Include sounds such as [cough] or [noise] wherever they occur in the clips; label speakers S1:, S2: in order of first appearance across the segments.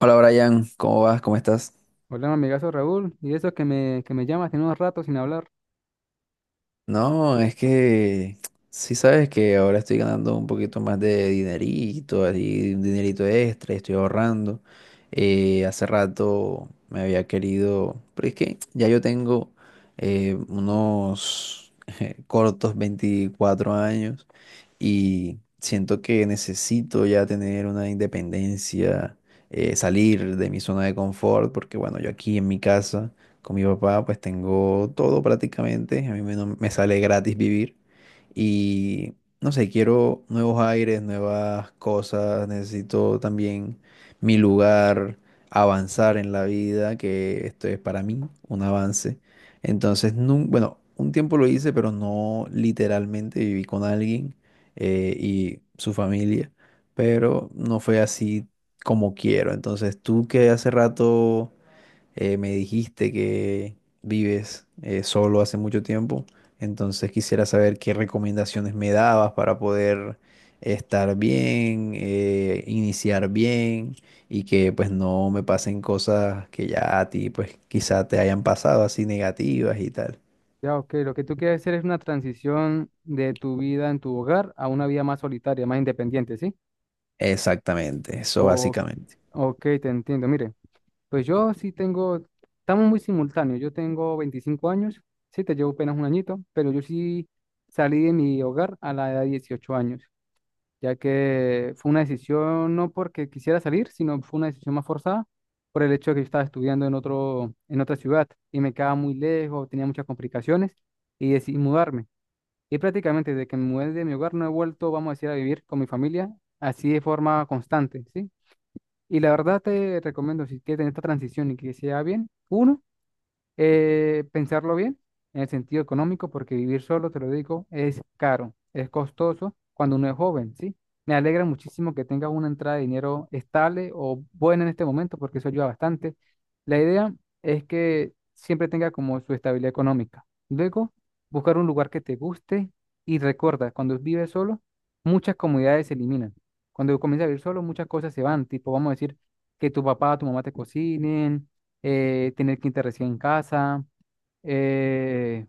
S1: Hola Brian, ¿cómo vas? ¿Cómo estás?
S2: Hola, mi amigazo Raúl. Y eso que me llamas, tiene unos ratos sin hablar.
S1: No, es que sí sabes que ahora estoy ganando un poquito más de dinerito, así, un dinerito extra, y estoy ahorrando. Hace rato me había querido, pero es que ya yo tengo unos [laughs] cortos 24 años y siento que necesito ya tener una independencia, salir de mi zona de confort, porque bueno, yo aquí en mi casa con mi papá pues tengo todo prácticamente, a mí me, no- me sale gratis vivir y no sé, quiero nuevos aires, nuevas cosas, necesito también mi lugar, avanzar en la vida, que esto es para mí un avance. Entonces, bueno, un tiempo lo hice, pero no literalmente viví con alguien y su familia, pero no fue así como quiero. Entonces, tú que hace rato me dijiste que vives solo hace mucho tiempo, entonces quisiera saber qué recomendaciones me dabas para poder estar bien, iniciar bien y que pues no me pasen cosas que ya a ti pues quizá te hayan pasado así negativas y tal.
S2: Ya, ok, lo que tú quieres hacer es una transición de tu vida en tu hogar a una vida más solitaria, más independiente, ¿sí?
S1: Exactamente, eso
S2: O,
S1: básicamente.
S2: ok, te entiendo. Mire, pues yo sí tengo, estamos muy simultáneos. Yo tengo 25 años, sí, te llevo apenas un añito, pero yo sí salí de mi hogar a la edad de 18 años. Ya que fue una decisión no porque quisiera salir, sino fue una decisión más forzada por el hecho de que yo estaba estudiando en otra ciudad y me quedaba muy lejos, tenía muchas complicaciones y decidí mudarme. Y prácticamente desde que me mudé de mi hogar no he vuelto, vamos a decir, a vivir con mi familia así de forma constante, ¿sí? Y la verdad te recomiendo, si quieres tener esta transición y que sea bien, uno pensarlo bien en el sentido económico, porque vivir solo, te lo digo, es caro, es costoso cuando uno es joven, ¿sí? Me alegra muchísimo que tengas una entrada de dinero estable o buena en este momento, porque eso ayuda bastante. La idea es que siempre tenga como su estabilidad económica. Luego, buscar un lugar que te guste y recuerda, cuando vives solo, muchas comodidades se eliminan. Cuando comienzas a vivir solo, muchas cosas se van, tipo, vamos a decir, que tu papá o tu mamá te cocinen tener quinta recién en casa, eh,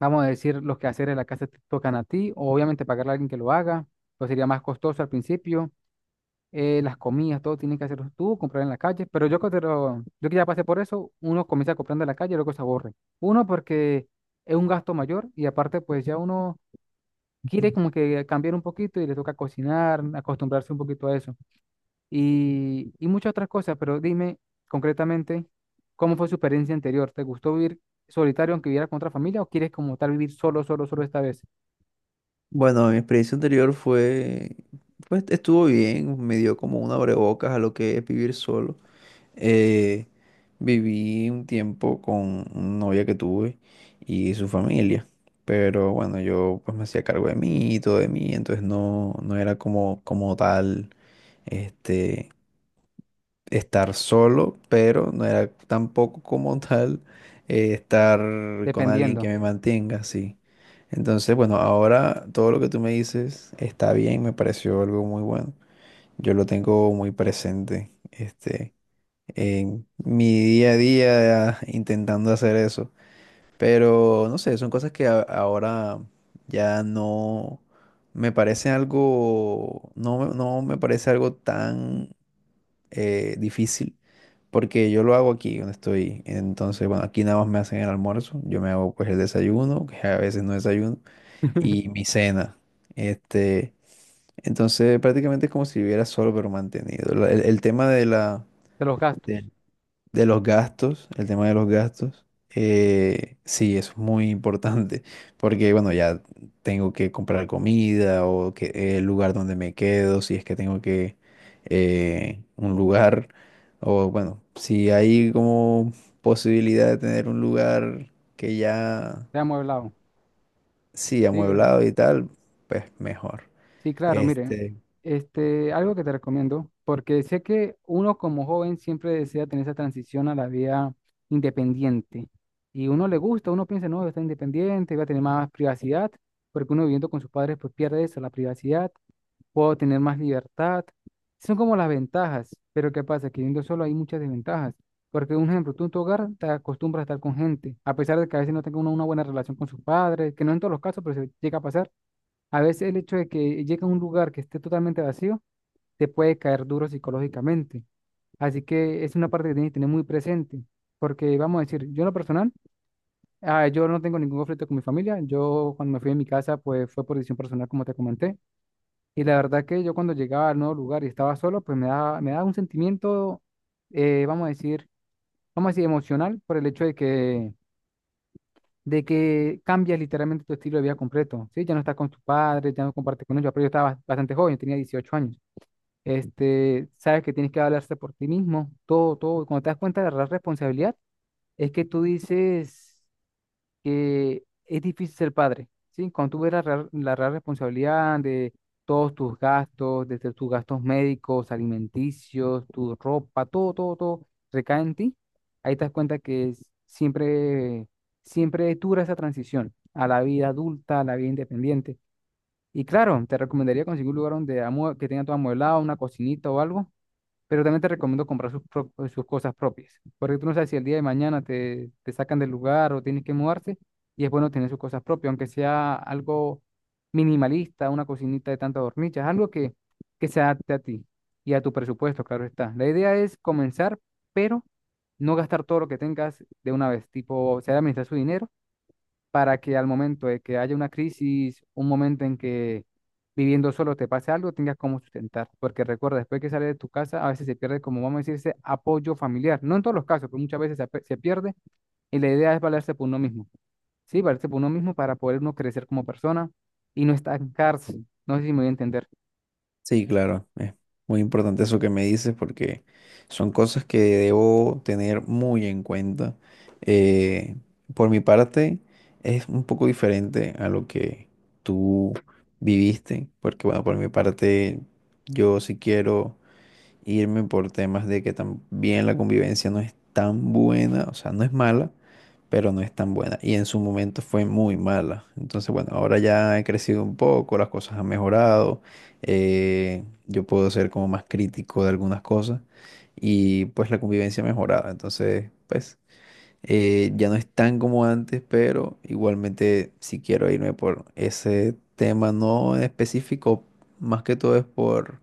S2: vamos a decir, los quehaceres de la casa te tocan a ti, o obviamente pagarle a alguien que lo haga, pues sería más costoso al principio, las comidas, todo tienen que hacerlo tú, comprar en la calle, pero yo que ya pasé por eso, uno comienza comprando en la calle y luego se aburre. Uno porque es un gasto mayor y aparte pues ya uno quiere como que cambiar un poquito y le toca cocinar, acostumbrarse un poquito a eso y muchas otras cosas, pero dime concretamente, ¿cómo fue su experiencia anterior? ¿Te gustó vivir solitario aunque viviera con otra familia o quieres como tal vivir solo, solo, solo esta vez?
S1: Bueno, mi experiencia anterior fue, pues estuvo bien, me dio como un abrebocas a lo que es vivir solo. Eh, Viví un tiempo con una novia que tuve y su familia, pero bueno, yo pues me hacía cargo de mí y todo de mí, entonces no era como, como tal, este, estar solo, pero no era tampoco como [laughs] tal estar con alguien que
S2: Dependiendo
S1: me mantenga, sí. Entonces, bueno, ahora todo lo que tú me dices está bien, me pareció algo muy bueno. Yo lo tengo muy presente, en mi día a día [laughs] intentando hacer eso. Pero, no sé, son cosas que ahora ya no me parece algo, no me parece algo tan difícil porque yo lo hago aquí donde estoy. Entonces, bueno, aquí nada más me hacen el almuerzo. Yo me hago pues el desayuno, que a veces no desayuno,
S2: [laughs] de
S1: y mi cena. Este, entonces prácticamente es como si viviera solo pero mantenido. El tema de la,
S2: los
S1: de
S2: gastos.
S1: de los gastos, el tema de los gastos, sí, es muy importante, porque bueno, ya tengo que comprar comida o que, el lugar donde me quedo, si es que tengo que un lugar, o bueno, si hay como posibilidad de tener un lugar que ya,
S2: Ya hemos hablado.
S1: sí,
S2: Sí,
S1: amueblado y tal, pues mejor.
S2: sí, claro, mire,
S1: Este,
S2: este, algo que te recomiendo, porque sé que uno como joven siempre desea tener esa transición a la vida independiente. Y uno le gusta, uno piensa, no, está independiente, va a tener más privacidad, porque uno viviendo con sus padres pues pierde eso, la privacidad puedo tener más libertad. Son como las ventajas, pero ¿qué pasa? Que viviendo solo hay muchas desventajas. Porque, un ejemplo, tú en tu hogar te acostumbras a estar con gente, a pesar de que a veces no tenga uno una buena relación con sus padres, que no en todos los casos, pero se llega a pasar. A veces el hecho de que llegue a un lugar que esté totalmente vacío te puede caer duro psicológicamente. Así que es una parte que tienes que tener muy presente. Porque vamos a decir, yo en lo personal, ah, yo no tengo ningún conflicto con mi familia. Yo cuando me fui de mi casa, pues fue por decisión personal, como te comenté. Y la verdad que yo cuando llegaba al nuevo lugar y estaba solo, pues me daba un sentimiento, eh, vamos a decir, vamos a decir, emocional por el hecho de que cambias literalmente tu estilo de vida completo, ¿sí? Ya no estás con tus padres, ya no compartes con ellos, pero yo estaba bastante joven, tenía 18 años. Este, sabes que tienes que hablarse por ti mismo, todo, todo. Y cuando te das cuenta de la responsabilidad, es que tú dices que es difícil ser padre, ¿sí? Cuando tú ves la real responsabilidad de todos tus gastos, desde tus gastos médicos, alimenticios, tu ropa, todo, todo, todo recae en ti, ahí te das cuenta siempre, siempre dura esa transición a la vida adulta, a la vida independiente. Y claro, te recomendaría conseguir un lugar donde que tenga todo amueblado, una cocinita o algo, pero también te recomiendo comprar pues, sus cosas propias, porque tú no sabes si el día de mañana te sacan del lugar o tienes que mudarse, y es bueno tener sus cosas propias, aunque sea algo minimalista, una cocinita de tantas hornillas, algo que se adapte a ti y a tu presupuesto, claro está. La idea es comenzar, pero no gastar todo lo que tengas de una vez, tipo, saber administrar su dinero para que al momento de que haya una crisis, un momento en que viviendo solo te pase algo, tengas cómo sustentar. Porque recuerda, después que sales de tu casa, a veces se pierde, como vamos a decir, ese apoyo familiar. No en todos los casos, pero muchas veces se pierde y la idea es valerse por uno mismo. Sí, valerse por uno mismo para poder uno crecer como persona y no estancarse. No sé si me voy a entender.
S1: Sí, claro, es muy importante eso que me dices porque son cosas que debo tener muy en cuenta. Eh, por mi parte, es un poco diferente a lo que tú viviste, porque bueno, por mi parte, yo sí quiero irme por temas de que también la convivencia no es tan buena, o sea, no es mala, pero no es tan buena. Y en su momento fue muy mala. Entonces, bueno, ahora ya he crecido un poco, las cosas han mejorado, yo puedo ser como más crítico de algunas cosas y pues la convivencia ha mejorado. Entonces, pues... ya no es tan como antes, pero igualmente si quiero irme por ese tema no en específico, más que todo es por,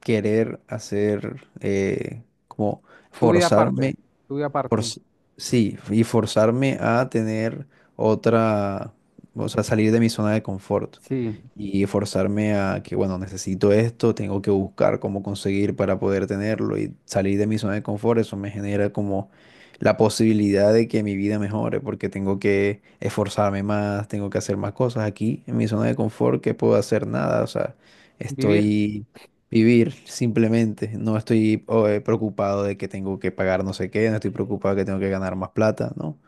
S1: querer hacer, como
S2: Tu vida aparte,
S1: forzarme,
S2: tu vida aparte.
S1: forz- sí, y forzarme a tener otra, o sea, salir de mi zona de confort
S2: Sí,
S1: y forzarme a que, bueno, necesito esto, tengo que buscar cómo conseguir para poder tenerlo y salir de mi zona de confort, eso me genera como la posibilidad de que mi vida mejore, porque tengo que esforzarme más, tengo que hacer más cosas aquí en mi zona de confort, que puedo hacer nada, o sea,
S2: vivir.
S1: estoy Vivir, simplemente. No estoy preocupado de que tengo que pagar no sé qué, no estoy preocupado de que tengo que ganar más plata, ¿no?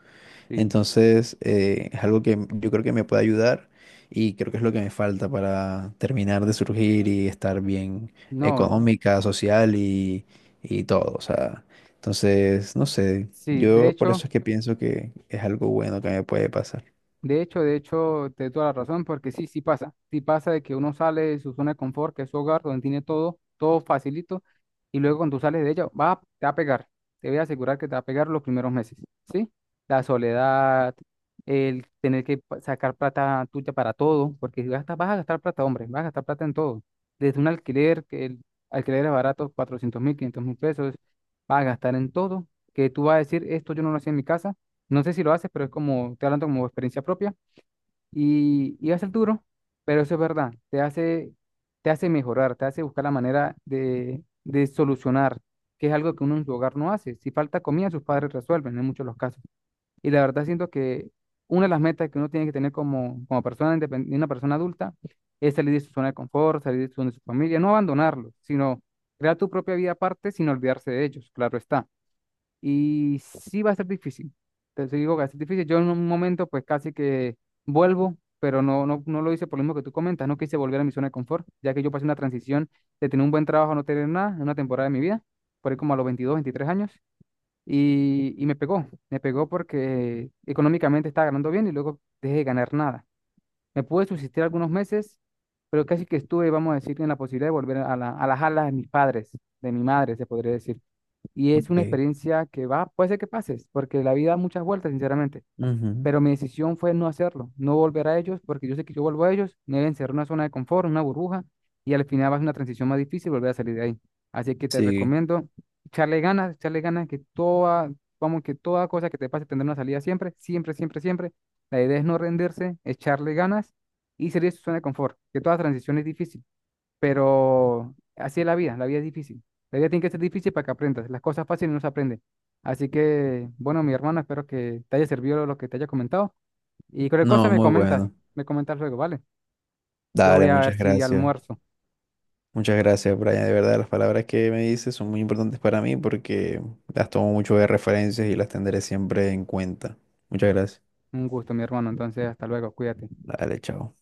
S2: Sí,
S1: Entonces, es algo que yo creo que me puede ayudar y creo que es lo que me falta para terminar de surgir y estar bien
S2: no,
S1: económica, social y todo. O sea, entonces, no sé,
S2: sí, de
S1: yo por
S2: hecho.
S1: eso es que pienso que es algo bueno que me puede pasar.
S2: De hecho, de hecho, te doy toda la razón, porque sí, sí pasa. Sí pasa de que uno sale de su zona de confort, que es su hogar, donde tiene todo, todo facilito, y luego cuando tú sales de ella, va, te va a pegar. Te voy a asegurar que te va a pegar los primeros meses, ¿sí? La soledad, el tener que sacar plata tuya para todo, porque si gastas, vas a gastar plata, hombre, vas a gastar plata en todo. Desde un alquiler, que el alquiler es barato, 400.000, 500.000 pesos, vas a gastar en todo, que tú vas a decir, esto yo no lo hacía en mi casa, no sé si lo haces, pero es como, estoy hablando como experiencia propia y va a ser duro, pero eso es verdad, te hace mejorar, te hace buscar la manera de solucionar, que es algo que uno en su hogar no hace. Si falta comida, sus padres resuelven en muchos de los casos. Y la verdad siento que una de las metas que uno tiene que tener como persona, una persona adulta, es salir de su zona de confort, salir de su familia, no abandonarlo, sino crear tu propia vida aparte sin olvidarse de ellos, claro está y sí va a ser difícil. Te digo que va a ser difícil. Yo en un momento pues casi que vuelvo, pero no, no, no lo hice por lo mismo que tú comentas. No quise volver a mi zona de confort, ya que yo pasé una transición de tener un buen trabajo a no tener nada en una temporada de mi vida, por ahí como a los 22 23 años. Y me pegó porque económicamente estaba ganando bien y luego dejé de ganar nada. Me pude subsistir algunos meses, pero casi que estuve, vamos a decir, en la posibilidad de volver a las alas de mis padres, de mi madre, se podría decir. Y es una
S1: Ok.
S2: experiencia que va, puede ser que pases, porque la vida da muchas vueltas, sinceramente.
S1: Ujú.
S2: Pero mi decisión fue no hacerlo, no volver a ellos, porque yo sé que yo vuelvo a ellos, me deben ser una zona de confort, una burbuja, y al final va a ser una transición más difícil volver a salir de ahí. Así que te
S1: Sí,
S2: recomiendo echarle ganas, que toda, vamos, que toda cosa que te pase tendrá una salida siempre, siempre, siempre, siempre. La idea es no rendirse, echarle ganas y salir de su zona de confort, que toda transición es difícil, pero así es la vida es difícil. La vida tiene que ser difícil para que aprendas. Las cosas fáciles no se aprenden. Así que, bueno, mi hermano, espero que te haya servido lo que te haya comentado. Y cualquier cosa
S1: no, muy bueno.
S2: me comentas luego, ¿vale? Yo voy
S1: Dale,
S2: a ver
S1: muchas
S2: si
S1: gracias.
S2: almuerzo.
S1: Muchas gracias, Brian. De verdad, las palabras que me dices son muy importantes para mí porque las tomo mucho de referencias y las tendré siempre en cuenta. Muchas gracias.
S2: Un gusto, mi hermano. Entonces, hasta luego, cuídate.
S1: Dale, chao.